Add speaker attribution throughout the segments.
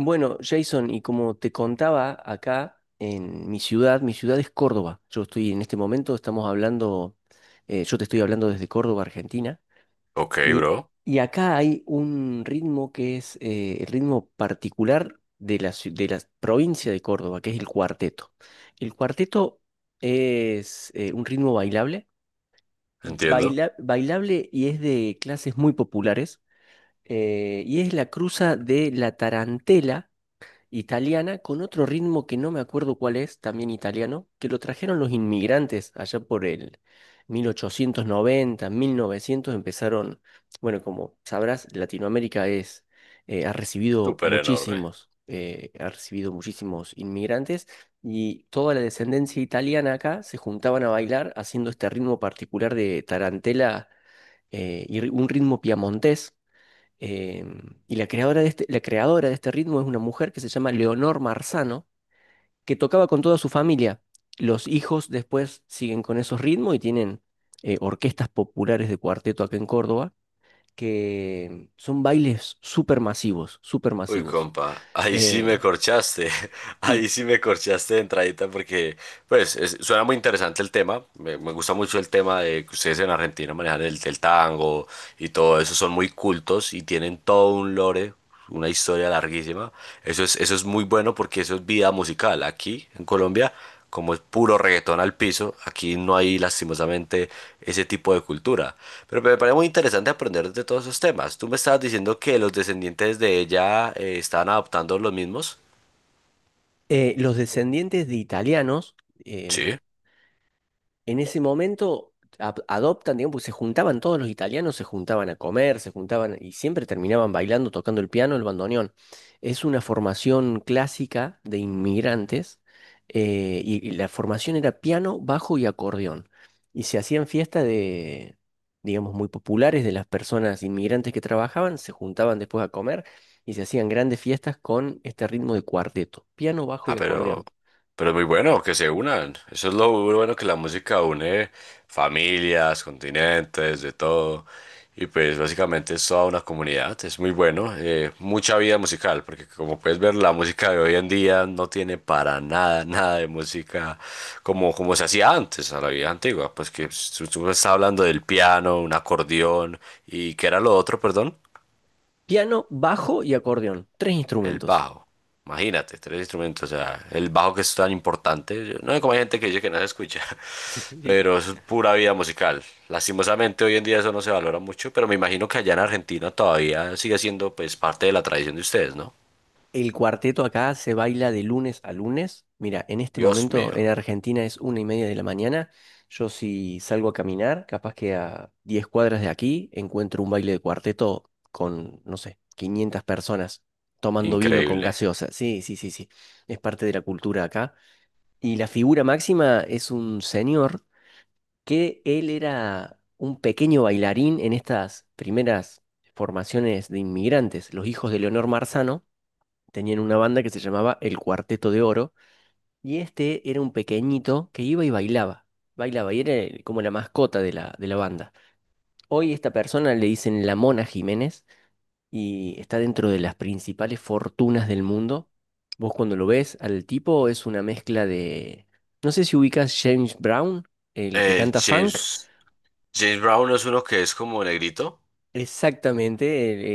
Speaker 1: Bueno, Jason, y como te contaba acá en mi ciudad es Córdoba. Yo estoy en este momento, estamos hablando, yo te estoy hablando desde Córdoba, Argentina,
Speaker 2: Ok,
Speaker 1: y,
Speaker 2: bro,
Speaker 1: y acá hay un ritmo que es el ritmo particular de la, de la provincia de Córdoba, que es el cuarteto. El cuarteto es un ritmo bailable,
Speaker 2: entiendo.
Speaker 1: bailable y es de clases muy populares, y es la cruza de la tarantela italiana con otro ritmo que no me acuerdo cuál es, también italiano, que lo trajeron los inmigrantes allá por el 1890, 1900 empezaron. Bueno, como sabrás, Latinoamérica es
Speaker 2: Súper enorme.
Speaker 1: ha recibido muchísimos inmigrantes, y toda la descendencia italiana acá se juntaban a bailar haciendo este ritmo particular de tarantela un ritmo piamontés, eh, y la creadora de este ritmo es una mujer que se llama Leonor Marzano, que tocaba con toda su familia. Los hijos después siguen con esos ritmos y tienen orquestas populares de cuarteto acá en Córdoba, que son bailes súper masivos, súper
Speaker 2: Uy,
Speaker 1: masivos.
Speaker 2: compa, ahí sí me
Speaker 1: Eh,
Speaker 2: corchaste.
Speaker 1: y
Speaker 2: Ahí sí me corchaste de entradita porque, pues, suena muy interesante el tema. Me gusta mucho el tema de que ustedes en Argentina manejan el tango y todo eso. Son muy cultos y tienen todo un lore, una historia larguísima. Eso es muy bueno porque eso es vida musical. Aquí en Colombia, como es puro reggaetón al piso, aquí no hay lastimosamente ese tipo de cultura. Pero me parece muy interesante aprender de todos esos temas. Tú me estabas diciendo que los descendientes de ella estaban adoptando los mismos.
Speaker 1: los descendientes de italianos, em,
Speaker 2: Sí.
Speaker 1: en ese momento adoptan, digamos, porque se juntaban todos los italianos, se juntaban a comer, se juntaban y siempre terminaban bailando, tocando el piano, el bandoneón. Es una formación clásica de inmigrantes, y la formación era piano, bajo y acordeón. Y se hacían fiestas de, digamos, muy populares de las personas inmigrantes que trabajaban, se juntaban después a comer y se hacían grandes fiestas con este ritmo de cuarteto, piano, bajo y
Speaker 2: Ah,
Speaker 1: acordeón.
Speaker 2: pero muy bueno que se unan. Eso es lo bueno que la música une familias, continentes, de todo. Y pues básicamente es toda una comunidad. Es muy bueno. Mucha vida musical, porque como puedes ver, la música de hoy en día no tiene para nada, nada de música como se hacía antes, a la vida antigua. Pues que tú me estás hablando del piano, un acordeón y ¿qué era lo otro, perdón?
Speaker 1: Piano, bajo y acordeón, tres
Speaker 2: El
Speaker 1: instrumentos.
Speaker 2: bajo. Imagínate, tres instrumentos. O sea, el bajo que es tan importante. No sé cómo hay gente que dice que no se escucha.
Speaker 1: Sí.
Speaker 2: Pero eso es pura vida musical. Lastimosamente hoy en día eso no se valora mucho. Pero me imagino que allá en Argentina todavía sigue siendo pues parte de la tradición de ustedes, ¿no?
Speaker 1: El cuarteto acá se baila de lunes a lunes. Mira, en este
Speaker 2: Dios
Speaker 1: momento en
Speaker 2: mío.
Speaker 1: Argentina es una y media de la mañana. Yo si salgo a caminar, capaz que a 10 cuadras de aquí encuentro un baile de cuarteto con, no sé, 500 personas tomando vino con
Speaker 2: Increíble.
Speaker 1: gaseosa. Sí, sí, sí, sí. Es parte de la cultura acá. Y la figura máxima es un señor que él era un pequeño bailarín en estas primeras formaciones de inmigrantes. Los hijos de Leonor Marzano tenían una banda que se llamaba El Cuarteto de Oro, y este era un pequeñito que iba y bailaba. Bailaba y era como la mascota de la banda. Hoy esta persona le dicen La Mona Jiménez y está dentro de las principales fortunas del mundo. Vos cuando lo ves al tipo es una mezcla de... No sé si ubicas James Brown, el que
Speaker 2: Eh,
Speaker 1: canta funk.
Speaker 2: James, James Brown es uno que es como negrito.
Speaker 1: Exactamente,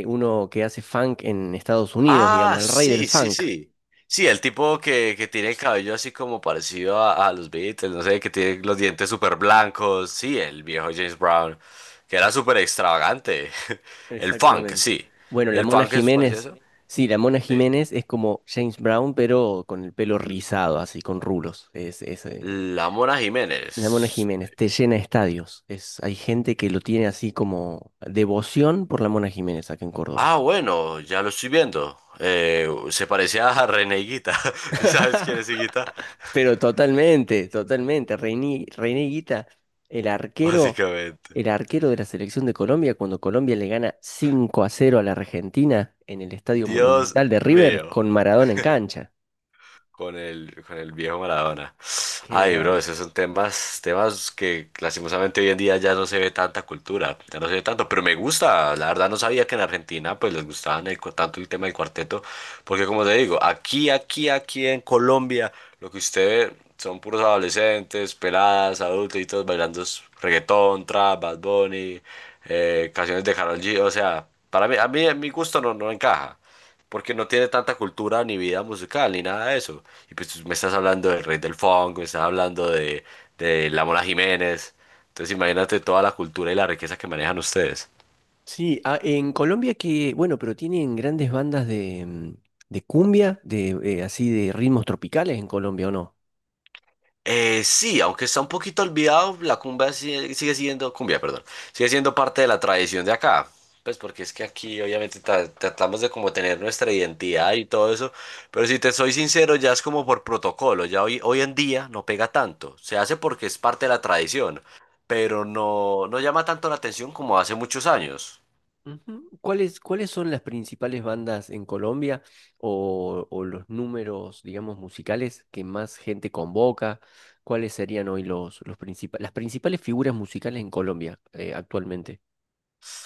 Speaker 1: uno que hace funk en Estados Unidos,
Speaker 2: Ah,
Speaker 1: digamos, el rey del
Speaker 2: sí, sí,
Speaker 1: funk.
Speaker 2: sí. Sí, el tipo que tiene el cabello así como parecido a los Beatles, no sé, que tiene los dientes súper blancos. Sí, el viejo James Brown, que era súper extravagante. El funk,
Speaker 1: Exactamente.
Speaker 2: sí.
Speaker 1: Bueno, la
Speaker 2: ¿El
Speaker 1: Mona
Speaker 2: funk es parecido a
Speaker 1: Jiménez,
Speaker 2: eso?
Speaker 1: sí, la Mona
Speaker 2: Sí.
Speaker 1: Jiménez es como James Brown, pero con el pelo rizado, así, con rulos.
Speaker 2: La Mona
Speaker 1: La Mona
Speaker 2: Jiménez.
Speaker 1: Jiménez te llena estadios. Es, hay gente que lo tiene así como devoción por la Mona Jiménez acá en Córdoba.
Speaker 2: Ah, bueno, ya lo estoy viendo. Se parecía a René Higuita. ¿Y sabes quién es Higuita?
Speaker 1: Pero totalmente, totalmente. René Guita, el arquero,
Speaker 2: Básicamente.
Speaker 1: el arquero de la selección de Colombia, cuando Colombia le gana 5 a cero a la Argentina en el Estadio
Speaker 2: Dios
Speaker 1: Monumental de River
Speaker 2: mío.
Speaker 1: con Maradona en cancha.
Speaker 2: Con con el viejo Maradona.
Speaker 1: Qué
Speaker 2: Ay, bro,
Speaker 1: grande.
Speaker 2: esos son temas, temas que lastimosamente hoy en día ya no se ve tanta cultura, ya no se ve tanto, pero me gusta, la verdad no sabía que en Argentina pues les gustaban el tanto el tema del cuarteto, porque como te digo, aquí en Colombia, lo que usted ve son puros adolescentes, peladas, adultitos bailando reggaetón, trap, Bad Bunny, canciones de Karol G, o sea, para mí, a mi gusto no encaja porque no tiene tanta cultura ni vida musical ni nada de eso. Y pues tú me estás hablando del Rey del Funk, me estás hablando de la Mona Jiménez. Entonces imagínate toda la cultura y la riqueza que manejan ustedes.
Speaker 1: Sí, ah, en Colombia que, bueno, pero tienen grandes bandas de, de cumbia, de así de ritmos tropicales en Colombia, ¿o no?
Speaker 2: Sí, aunque está un poquito olvidado, la cumbia sigue siendo, cumbia, perdón, sigue siendo parte de la tradición de acá. Pues porque es que aquí obviamente tratamos de como tener nuestra identidad y todo eso, pero si te soy sincero, ya es como por protocolo, hoy en día no pega tanto, se hace porque es parte de la tradición, pero no llama tanto la atención como hace muchos años.
Speaker 1: Ujú. Cuáles son las principales bandas en Colombia o los números, digamos, musicales que más gente convoca? ¿Cuáles serían hoy los principales, las principales figuras musicales en Colombia actualmente?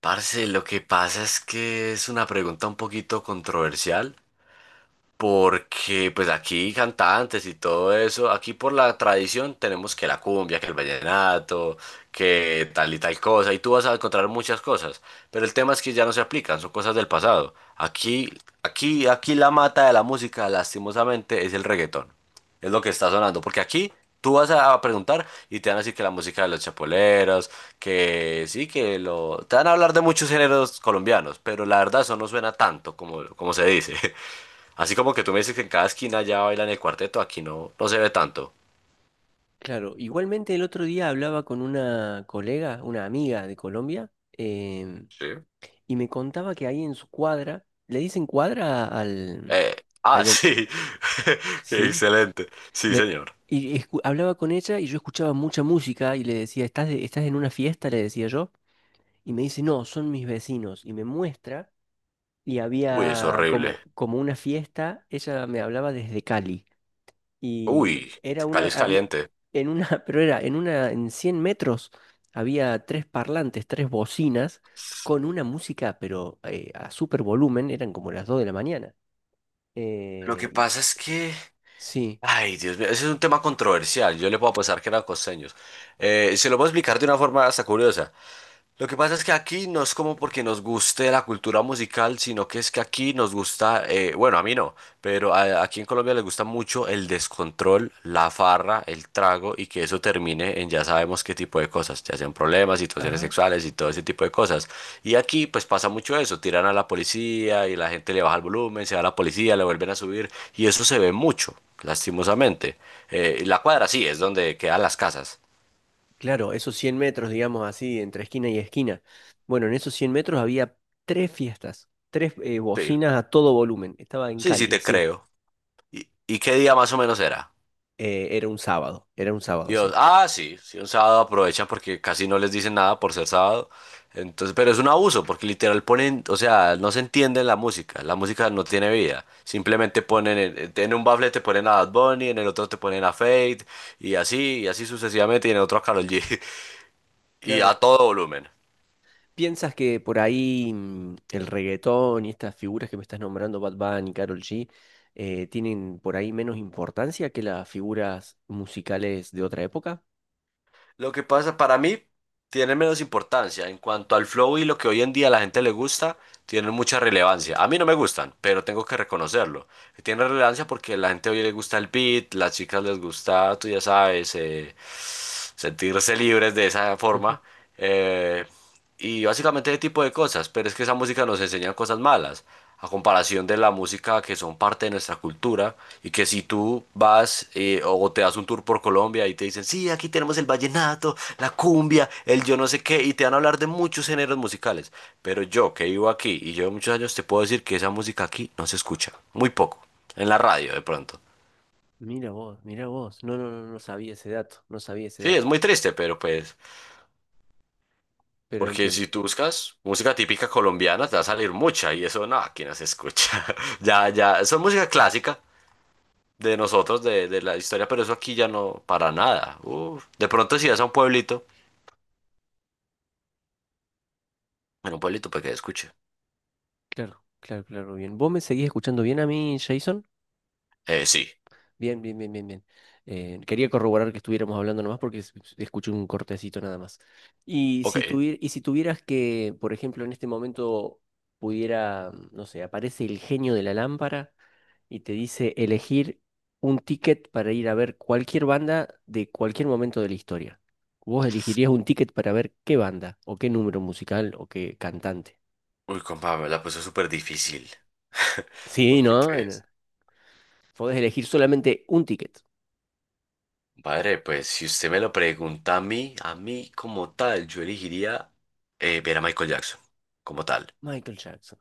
Speaker 2: Parce, lo que pasa es que es una pregunta un poquito controversial. Porque pues aquí cantantes y todo eso, aquí por la tradición tenemos que la cumbia, que el vallenato, que tal y tal cosa, y tú vas a encontrar muchas cosas, pero el tema es que ya no se aplican, son cosas del pasado. Aquí la mata de la música, lastimosamente, es el reggaetón. Es lo que está sonando, porque aquí tú a preguntar y te van a decir que la música de los chapoleros, que sí, que lo... Te van a hablar de muchos géneros colombianos, pero la verdad eso no suena tanto como se dice. Así como que tú me dices que en cada esquina ya bailan el cuarteto, aquí no se ve tanto.
Speaker 1: Claro, igualmente el otro día hablaba con una colega, una amiga de Colombia.
Speaker 2: Sí.
Speaker 1: Y me contaba que ahí en su cuadra, le dicen cuadra al...
Speaker 2: Eh,
Speaker 1: ahí
Speaker 2: ah, sí. Qué
Speaker 1: ¿sí?
Speaker 2: excelente. Sí,
Speaker 1: Me,
Speaker 2: señor.
Speaker 1: hablaba con ella y yo escuchaba mucha música y le decía, ¿estás, estás en una fiesta?, le decía yo. Y me dice, no, son mis vecinos. Y me muestra, y
Speaker 2: Uy, es
Speaker 1: había
Speaker 2: horrible.
Speaker 1: como, como una fiesta, ella me hablaba desde Cali. Y
Speaker 2: Uy,
Speaker 1: era una,
Speaker 2: Cali es
Speaker 1: había,
Speaker 2: caliente.
Speaker 1: en una, pero era en una, en 100 metros había tres parlantes, tres bocinas con una música, pero a súper volumen, eran como las 2 de la mañana.
Speaker 2: Lo
Speaker 1: Eh,
Speaker 2: que
Speaker 1: y-
Speaker 2: pasa es que,
Speaker 1: sí,
Speaker 2: ay, Dios mío, ese es un tema controversial. Yo le puedo pensar que eran costeños. Se lo puedo explicar de una forma hasta curiosa. Lo que pasa es que aquí no es como porque nos guste la cultura musical, sino que es que aquí nos gusta, bueno, a mí no, pero aquí en Colombia les gusta mucho el descontrol, la farra, el trago y que eso termine en ya sabemos qué tipo de cosas, ya sean problemas, situaciones
Speaker 1: ajá,
Speaker 2: sexuales y todo ese tipo de cosas. Y aquí pues pasa mucho eso, tiran a la policía y la gente le baja el volumen, se va la policía, le vuelven a subir y eso se ve mucho, lastimosamente. Y la cuadra sí, es donde quedan las casas.
Speaker 1: claro, esos cien metros, digamos así, entre esquina y esquina. Bueno, en esos 100 metros había tres fiestas, tres
Speaker 2: Sí,
Speaker 1: bocinas a todo volumen. Estaba en
Speaker 2: sí, sí
Speaker 1: Cali,
Speaker 2: te
Speaker 1: sí.
Speaker 2: creo. Y qué día más o menos era?
Speaker 1: Era un sábado,
Speaker 2: Dios,
Speaker 1: sí.
Speaker 2: ah, sí, sí, un sábado aprovechan porque casi no les dicen nada por ser sábado. Entonces, pero es un abuso porque literal ponen, o sea, no se entiende la música no tiene vida. Simplemente ponen, en un bafle te ponen a Bad Bunny, en el otro te ponen a Fate y así sucesivamente, y en el otro a Karol G, y a
Speaker 1: Claro.
Speaker 2: todo volumen.
Speaker 1: ¿Piensas que por ahí el reggaetón y estas figuras que me estás nombrando, Bad Bunny, Karol G, tienen por ahí menos importancia que las figuras musicales de otra época?
Speaker 2: Lo que pasa para mí tiene menos importancia. En cuanto al flow y lo que hoy en día a la gente le gusta, tienen mucha relevancia. A mí no me gustan, pero tengo que reconocerlo. Tiene relevancia porque a la gente hoy le gusta el beat, las chicas les gusta, tú ya sabes, sentirse libres de esa
Speaker 1: Ujú.
Speaker 2: forma eh, y básicamente ese tipo de cosas, pero es que esa música nos enseña cosas malas a comparación de la música que son parte de nuestra cultura y que si tú vas o te das un tour por Colombia y te dicen, sí, aquí tenemos el vallenato, la cumbia, el yo no sé qué, y te van a hablar de muchos géneros musicales, pero yo que vivo aquí y llevo muchos años te puedo decir que esa música aquí no se escucha, muy poco, en la radio de pronto.
Speaker 1: Mira vos, mira vos. No, no, no, no sabía ese dato, no sabía ese
Speaker 2: Sí, es
Speaker 1: dato,
Speaker 2: muy triste, pero pues
Speaker 1: pero
Speaker 2: porque
Speaker 1: entiendo.
Speaker 2: si tú buscas música típica colombiana, te va a salir mucha y eso no, aquí no se escucha. Ya, eso es música clásica de nosotros, de la historia, pero eso aquí ya no, para nada. Uf. De pronto si vas a un pueblito, en un pueblito para que escuche.
Speaker 1: Claro, claro, claro, bien. ¿Vos me seguís escuchando bien a mí, Jason?
Speaker 2: Sí,
Speaker 1: Bien, bien, bien, bien, bien. Quería corroborar que estuviéramos hablando nomás porque escuché un cortecito nada más. Y si
Speaker 2: ok.
Speaker 1: y si tuvieras que, por ejemplo, en este momento pudiera, no sé, aparece el genio de la lámpara y te dice elegir un ticket para ir a ver cualquier banda de cualquier momento de la historia. ¿Vos elegirías un ticket para ver qué banda o qué número musical o qué cantante?
Speaker 2: Uy, compa, me la puso súper difícil.
Speaker 1: Sí,
Speaker 2: Porque
Speaker 1: ¿no? En-
Speaker 2: pues,
Speaker 1: Podés elegir solamente un ticket.
Speaker 2: padre, pues si usted me lo pregunta a mí como tal, yo elegiría ver a Michael Jackson, como tal.
Speaker 1: Michael Jackson.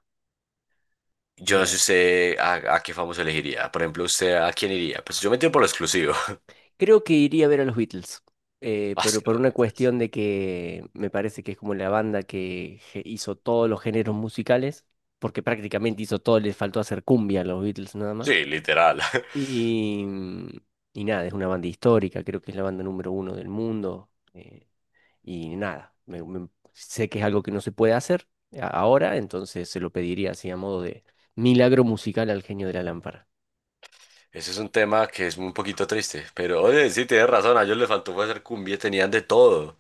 Speaker 2: Yo no sé
Speaker 1: Mira.
Speaker 2: usted a qué famoso elegiría. Por ejemplo, usted a quién iría. Pues yo me tiro por lo exclusivo.
Speaker 1: Creo que iría a ver a los Beatles,
Speaker 2: Ah, es
Speaker 1: pero
Speaker 2: que
Speaker 1: por
Speaker 2: los
Speaker 1: una
Speaker 2: Beatles.
Speaker 1: cuestión de que me parece que es como la banda que hizo todos los géneros musicales, porque prácticamente hizo todo, les faltó hacer cumbia a los Beatles nada más.
Speaker 2: Sí, literal.
Speaker 1: Y, y nada, es una banda histórica, creo que es la banda número uno del mundo. Y nada, sé que es algo que no se puede hacer ahora, entonces se lo pediría así a modo de milagro musical al genio de la lámpara.
Speaker 2: Ese es un tema que es un poquito triste, pero oye, sí, tienes razón, a ellos les faltó fue hacer cumbia, tenían de todo.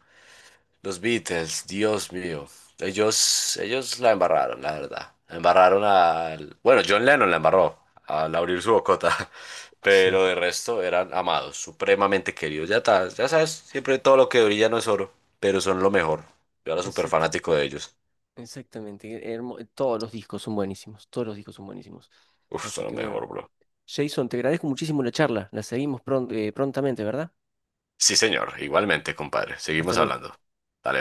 Speaker 2: Los Beatles, Dios mío. Ellos la embarraron, la verdad. La embarraron al... Bueno, John Lennon la embarró al abrir su bocota.
Speaker 1: Sí,
Speaker 2: Pero de resto eran amados, supremamente queridos. Ya está, ya sabes, siempre todo lo que brilla no es oro, pero son lo mejor. Yo era súper
Speaker 1: exacto.
Speaker 2: fanático de ellos.
Speaker 1: Exactamente, todos los discos son buenísimos, todos los discos son buenísimos.
Speaker 2: Uf,
Speaker 1: Así
Speaker 2: son lo
Speaker 1: que bueno,
Speaker 2: mejor, bro.
Speaker 1: Jason, te agradezco muchísimo la charla, la seguimos prontamente, ¿verdad?
Speaker 2: Sí, señor, igualmente, compadre.
Speaker 1: Hasta
Speaker 2: Seguimos
Speaker 1: luego.
Speaker 2: hablando. Dale.